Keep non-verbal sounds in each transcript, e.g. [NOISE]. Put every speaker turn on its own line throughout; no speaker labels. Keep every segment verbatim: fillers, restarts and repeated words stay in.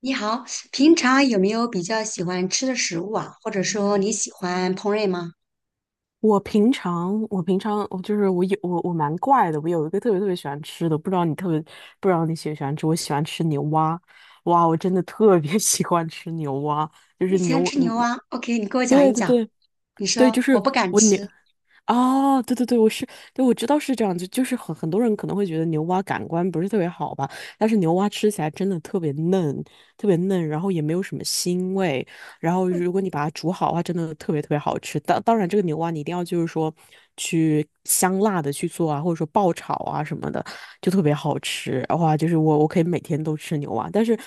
你好，平常有没有比较喜欢吃的食物啊？或者说你喜欢烹饪吗？
我平常，我平常，我就是我有我我蛮怪的，我有一个特别特别喜欢吃的，不知道你特别不知道你喜不喜欢吃，我喜欢吃牛蛙。哇，我真的特别 [LAUGHS] 喜欢吃牛蛙。就
你
是
喜欢
牛，
吃
嗯，
牛蛙？OK，你给我讲
对
一
对
讲。
对
你
对，就
说我
是
不敢
我牛。
吃
哦，对对对，我是，对，我知道是这样子。就是很很多人可能会觉得牛蛙感官不是特别好吧，但是牛蛙吃起来真的特别嫩，特别嫩，然后也没有什么腥味。然后如果你把它煮好的话，真的特别特别好吃。当当然，这个牛蛙你一定要就是说去香辣的去做啊，或者说爆炒啊什么的，就特别好吃。哇，就是我我可以每天都吃牛蛙，但是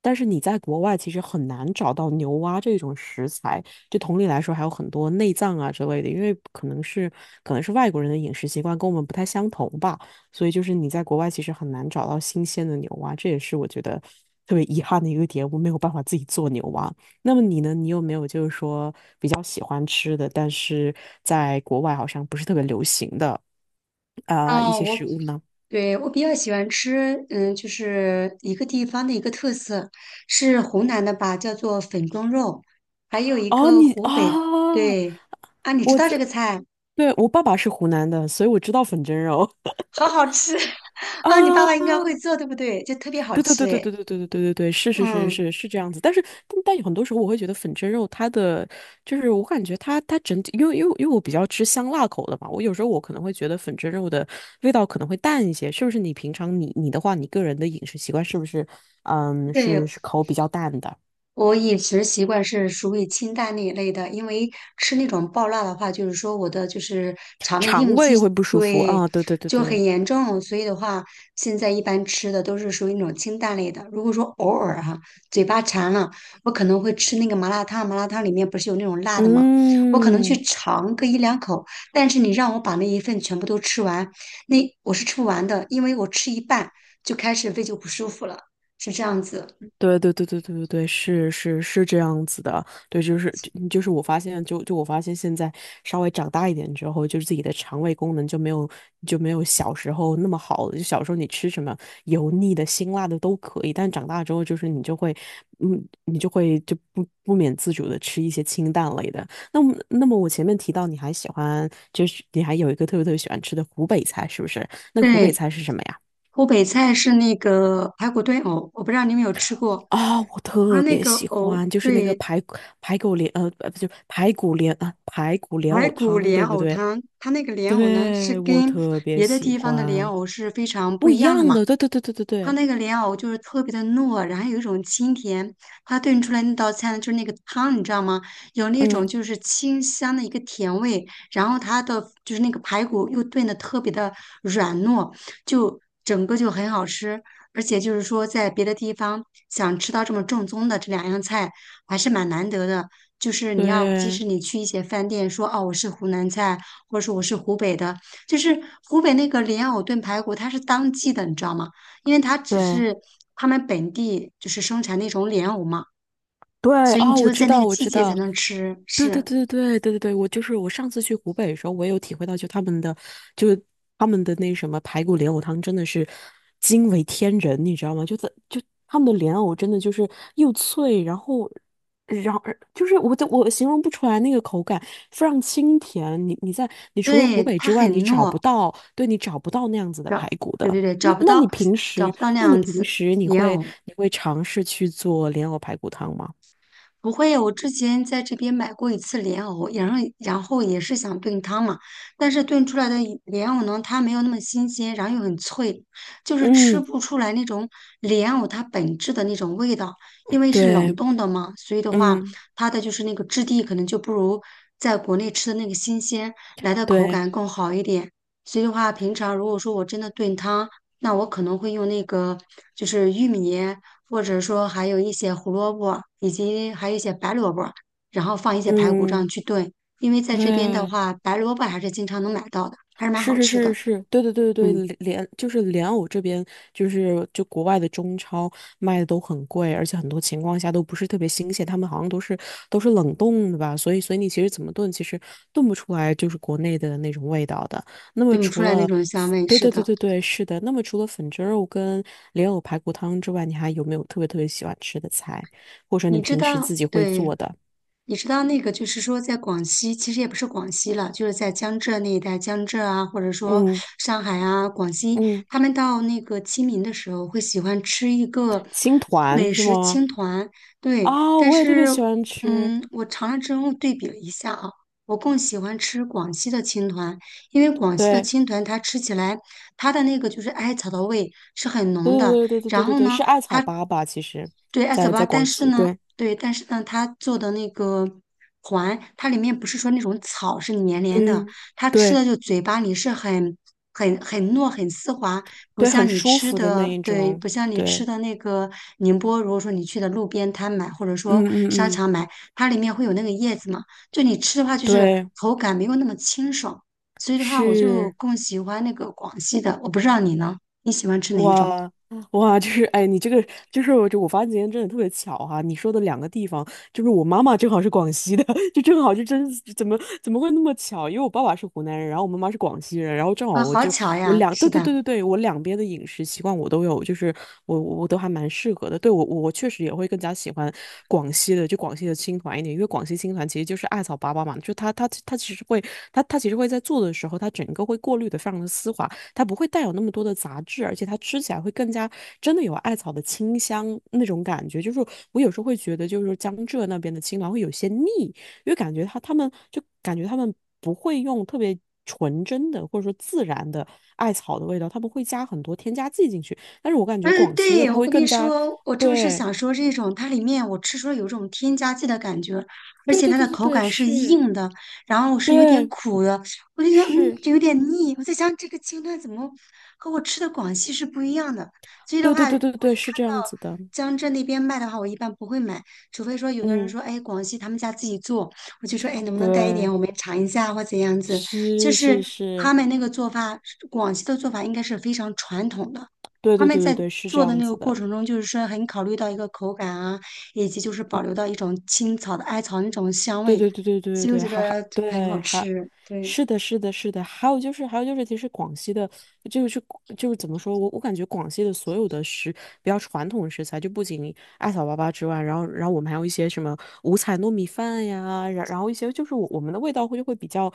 但是你在国外其实很难找到牛蛙这种食材。就同理来说，还有很多内脏啊之类的，因为可能是可能是外国人的饮食习惯跟我们不太相同吧，所以就是你在国外其实很难找到新鲜的牛蛙，这也是我觉得特别遗憾的一个点，我没有办法自己做牛蛙。那么你呢？你有没有就是说比较喜欢吃的，但是在国外好像不是特别流行的啊、呃一
哦，
些
我
食物呢？
对我比较喜欢吃，嗯，就是一个地方的一个特色，是湖南的吧，叫做粉蒸肉，还有一
哦，
个
你
湖
啊，
北，对啊，你知
我
道这个菜，
对，我爸爸是湖南的，所以我知道粉蒸肉
好好吃 [LAUGHS]
[LAUGHS] 啊。
啊，你爸爸应该会做，对不对？就特别好
对对
吃
对对
诶。
对对对对对对对，是是是
嗯，
是是这样子。但是但但有很多时候我会觉得粉蒸肉它的就是我感觉它它整体，因为因为因为我比较吃香辣口的嘛，我有时候我可能会觉得粉蒸肉的味道可能会淡一些，是不是？你平常你你的话，你个人的饮食习惯是不是嗯是
对，
是口比较淡的？
我饮食习惯是属于清淡那一类的，因为吃那种爆辣的话，就是说我的就是肠胃
肠
应激
胃会不舒服
对
啊？对对对
就
对
很
对，
严重，所以的话，现在一般吃的都是属于那种清淡类的。如果说偶尔哈、嘴巴馋了，我可能会吃那个麻辣烫，麻辣烫里面不是有那种辣的吗？我可能去
嗯。
尝个一两口，但是你让我把那一份全部都吃完，那我是吃不完的，因为我吃一半就开始胃就不舒服了，是这样子。
对对对对对对对，是是是这样子的。对，就是就就是我发现，就就我发现现在稍微长大一点之后，就是自己的肠胃功能就没有就没有小时候那么好了。就小时候你吃什么油腻的、辛辣的都可以，但长大之后就是你就会，嗯，你就会就不不免自主的吃一些清淡类的。那么那么我前面提到你还喜欢，就是你还有一个特别特别喜欢吃的湖北菜，是不是？那个湖北
对，
菜是什么呀？
湖北菜是那个排骨炖藕，我不知道你们有吃过。
啊、我
它
特
那
别
个
喜
藕，
欢，就是那个
对，
排骨排骨莲，呃，不就排骨莲啊，排骨莲
排
藕
骨
汤，
莲
对不
藕
对？
汤，它那个莲藕呢是
对，我
跟
特别
别的
喜
地方的莲
欢，
藕是非常不
不
一
一
样的
样
嘛。
的，对对对对对
它
对，
那个莲藕就是特别的糯，然后有一种清甜。它炖出来那道菜呢，就是那个汤，你知道吗？有那种
嗯，
就是清香的一个甜味，然后它的就是那个排骨又炖的特别的软糯，就整个就很好吃。而且就是说，在别的地方想吃到这么正宗的这两样菜，还是蛮难得的。就是你要，即
对
使你去一些饭店说哦，我是湖南菜，或者说我是湖北的，就是湖北那个莲藕炖排骨，它是当季的，你知道吗？因为它只
对。
是他们本地就是生产那种莲藕嘛，
对，
所以你
啊，
只
我
有
知
在那
道，
个
我
季
知
节才
道，
能吃。
对对
是，
对对对对对，我就是我上次去湖北的时候，我也有体会到，就他们的，就是他们的那什么排骨莲藕汤真的是惊为天人，你知道吗？就在就他们的莲藕真的就是又脆，然后然后就是我都我形容不出来那个口感，非常清甜。你你在你除了湖
对，
北
它
之外，
很
你找
糯，
不到，对你找不到那样子的
找，
排骨
对
的。
对对，
那
找不
那
到，
你平
找
时，
不到那
那你
样
平
子
时你
莲
会
藕。
你会尝试去做莲藕排骨汤吗？
不会，我之前在这边买过一次莲藕，然后然后也是想炖汤嘛，但是炖出来的一莲藕呢，它没有那么新鲜，然后又很脆，就是吃
嗯，
不出来那种莲藕它本质的那种味道，因为是冷
对，
冻的嘛，所以的话，
嗯，
它的就是那个质地可能就不如在国内吃的那个新鲜来的口
对，
感更好一点。所以的话，平常如果说我真的炖汤，那我可能会用那个就是玉米。或者说还有一些胡萝卜，以及还有一些白萝卜，然后放一些排骨这样
嗯，
去炖。因为在这边的
对，
话，白萝卜还是经常能买到的，还是蛮
是
好
是
吃
是
的。
是，对对对对，
嗯，
对莲，就是莲藕这边，就是就国外的中超卖的都很贵，而且很多情况下都不是特别新鲜，他们好像都是都是冷冻的吧，所以所以你其实怎么炖，其实炖不出来就是国内的那种味道的。那么
炖不出
除
来那
了
种香
粉
味。
对
是
对对
的，
对对，是的。那么除了粉蒸肉跟莲藕排骨汤之外，你还有没有特别特别喜欢吃的菜，或者你
你知
平时
道，
自己会
对，
做的？
你知道那个，就是说，在广西，其实也不是广西了，就是在江浙那一带，江浙啊，或者说
嗯。
上海啊、广西，
嗯，
他们到那个清明的时候，会喜欢吃一个
青团
美
是
食
吗？
青团。对，
啊、
但
我也特别
是，
喜欢吃。
嗯，我尝了之后对比了一下啊，我更喜欢吃广西的青团，因为广西的
对，
青团它吃起来，它的那个就是艾草的味是很浓
对
的，
对对对对对
然
对
后
对，
呢，
是艾草粑粑，其实，
对，艾草
在
吧，
在
但
广
是
西，
呢，
对，
对，但是呢，它做的那个环，它里面不是说那种草是黏黏的，
嗯，
它吃
对
的就嘴巴里是很很很糯很丝滑，不
对，很
像你
舒
吃
服的那
的，
一
对，
种，
不像你吃
对，
的那个宁波，如果说你去的路边摊买或者说
嗯嗯
商
嗯，
场买，它里面会有那个叶子嘛，就你吃的话就是
对，
口感没有那么清爽，所以的话我就
是。
更喜欢那个广西的，我不知道你呢，你喜欢吃哪一种
哇哇，就是哎，你这个就是我就我发现今天真的特别巧哈、你说的两个地方，就是我妈妈正好是广西的，[LAUGHS] 就正好就真是怎么怎么会那么巧？因为我爸爸是湖南人，然后我妈妈是广西人，然后正好
啊？
我
好
就
巧
我
呀，
两
是
对对
的。
对对对，我两边的饮食习惯我都有，就是我我我都还蛮适合的。对我我我确实也会更加喜欢广西的，就广西的青团一点，因为广西青团其实就是艾草粑粑嘛，就它它它其实会它它其实会在做的时候，它整个会过滤的非常的丝滑。它不会带有那么多的杂质，而且它吃起来会更加真的有艾草的清香那种感觉。就是我有时候会觉得，就是江浙那边的青兰会有些腻，因为感觉它他们就感觉他们不会用特别纯真的或者说自然的艾草的味道，他们会加很多添加剂进去。但是我感觉
嗯，
广西的
对，
它
我
会
跟你
更加，
说，我正是
对
想说这种，它里面我吃出了有种添加剂的感觉，而
对
且
对
它的
对对
口
对，
感是
是
硬的，然后是有点
对
苦的，我就想，嗯，
是，
这有点腻。我在想这个青淡怎么和我吃的广西是不一样的，所以的
对
话，
对
我一
对对对，是
看
这
到
样子的，
江浙那边卖的话，我一般不会买，除非说有的人
嗯，
说，哎，广西他们家自己做，我就说，哎，能不能带一点，
对，
我们尝一下或怎样子，就
是
是
是
他
是。
们那个做法，广西的做法应该是非常传统的。
对
他
对
们
对对
在
对，是这
做的
样
那个
子
过
的。
程中，就是说很考虑到一个口感啊，以及就是保留到一种青草的艾草那种香
对
味，
对对对对对
所以我
对，
觉
还还
得很好
对还，
吃。对，
是的，是的，是的。还有就是，还有就是，其实广西的，就是就是怎么说，我我感觉广西的所有的食比较传统的食材，就不仅艾草粑粑之外，然后然后我们还有一些什么五彩糯米饭呀，然然后一些就是我我们的味道会就会比较。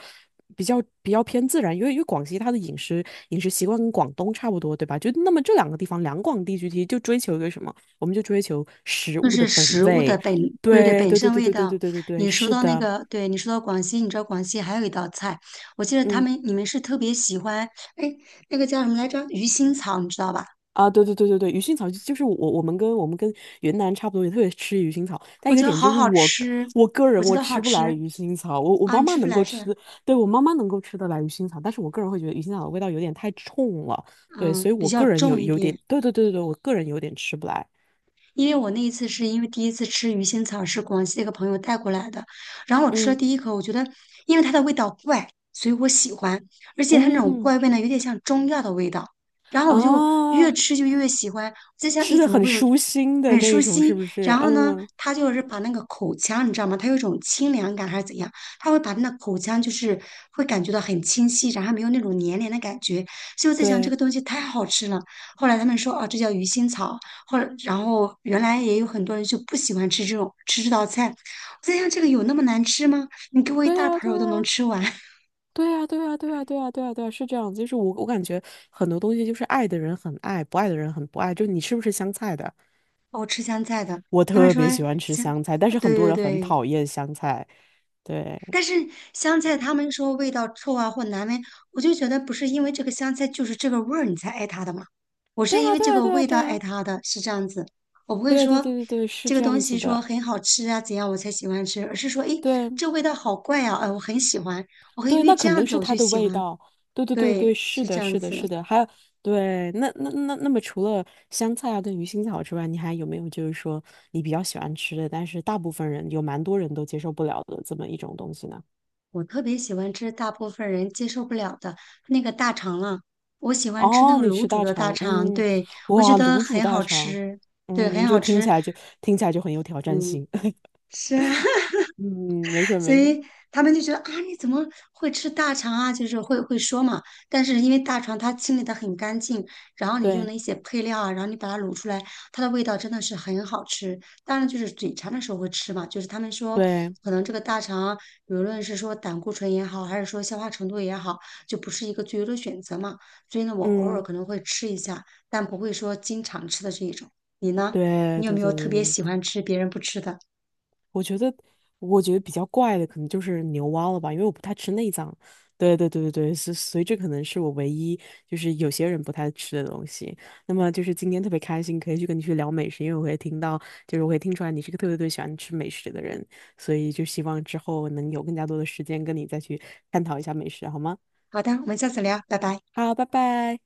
比较比较偏自然，因为因为广西它的饮食饮食习惯跟广东差不多，对吧？就那么这两个地方，两广地区其实就追求一个什么？我们就追求食
就
物的
是
本
食物的
味，
本，对对，
对
本
对对
身
对
味
对对
道。
对对对对，
你说
是
到那
的，
个，对你说到广西，你知道广西还有一道菜，我记得他
嗯
们你们是特别喜欢，哎，那个叫什么来着？鱼腥草，你知道吧？
啊，对对对对对，鱼腥草就就是我我们跟我们跟云南差不多，也特别吃鱼腥草，但
我
一个
觉得
点就
好
是
好
我
吃，
我个
我
人
觉
我
得好
吃不来
吃
鱼腥草，我我
啊，
妈
你
妈
吃不
能
来
够
是吧
吃，对我妈妈能够吃得来鱼腥草，但是我个人会觉得鱼腥草的味道有点太冲了，对，所
嗯，
以
比
我
较
个人
重
有
一
有点，
点。
对对对对对，我个人有点吃不来，
因为我那一次是因为第一次吃鱼腥草是广西的一个朋友带过来的，然后我吃了
嗯
第一口，我觉得因为它的味道怪，所以我喜欢，而且它那种
嗯
怪味呢，有点像中药的味道，然后我就越
啊，
吃就越喜欢，在想
吃
咦
的
怎么
很
会有
舒心的
很舒
那种，是
心，
不是？
然后呢，
嗯，
它就是把那个口腔你知道吗？它有一种清凉感还是怎样，它会把那个口腔就是会感觉到很清晰，然后没有那种黏黏的感觉，所以我在想这个
对
东西太好吃了。后来他们说哦，这叫鱼腥草。后来，然后原来也有很多人就不喜欢吃这种吃这道菜。我在想，这个有那么难吃吗？你给我一
对
大
呀
盆，
对
儿，我都能
呀。
吃完。[LAUGHS]
对啊，对啊，对啊，对啊，对啊，对啊，是这样。就是我，我感觉很多东西就是爱的人很爱，不爱的人很不爱。就你吃不吃香菜的？
我吃香菜的，
我
他们
特
说
别喜欢吃
香，
香菜，但是很
对
多
对
人很
对，
讨厌香菜。对，
但是香菜他们说味道臭啊或难闻，我就觉得不是因为这个香菜就是这个味儿你才爱它的嘛，我
对
是因
啊，
为
对
这
啊，
个
对啊，
味道
对
爱
啊，
它的，是这样子。我不会
对对
说
对对对，是
这个
这
东
样
西
子
说
的。
很好吃啊怎样我才喜欢吃，而是说，诶，
对
这味道好怪啊，哎，我很喜欢，我会因
对，
为
那
这
肯
样
定
子
是
我
它
就
的
喜
味
欢了
道。对对对对，
对，
是
是这
的，
样
是的，
子。
是的。还有，对，那那那那么，除了香菜啊跟鱼腥草之外，你还有没有就是说你比较喜欢吃的，但是大部分人有蛮多人都接受不了的这么一种东西呢？
我特别喜欢吃大部分人接受不了的那个大肠了，我喜欢吃那
哦，
个
你
卤
吃
煮
大
的大
肠，
肠，
嗯。
对，我觉
哇，
得
卤煮
很
大
好
肠，
吃，对，
嗯，
很
就
好
听
吃。
起来就听起来就很有挑战
嗯，
性。[LAUGHS]
是啊，[LAUGHS]
嗯，没事儿
所
没事儿，
以他们就觉得啊，你怎么会吃大肠啊？就是会会说嘛。但是因为大肠它清理的很干净，然后你用
对
的一些配料啊，然后你把它卤出来，它的味道真的是很好吃。当然就是嘴馋的时候会吃嘛，就是他们说
对，
可能这个大肠，无论是说胆固醇也好，还是说消化程度也好，就不是一个最优的选择嘛。所以呢，我偶尔
嗯，
可能会吃一下，但不会说经常吃的这一种。你呢？
对
你有
对
没有
对
特
对
别喜
对
欢吃别人不吃的？
我觉得，我觉得比较怪的可能就是牛蛙了吧，因为我不太吃内脏。对对对对对，所所以这可能是我唯一就是有些人不太吃的东西。那么就是今天特别开心，可以去跟你去聊美食，因为我会听到，就是我会听出来你是个特别特别喜欢吃美食的人，所以就希望之后能有更加多的时间跟你再去探讨一下美食，好吗？
好的，我们下次聊，拜拜。
好，拜拜。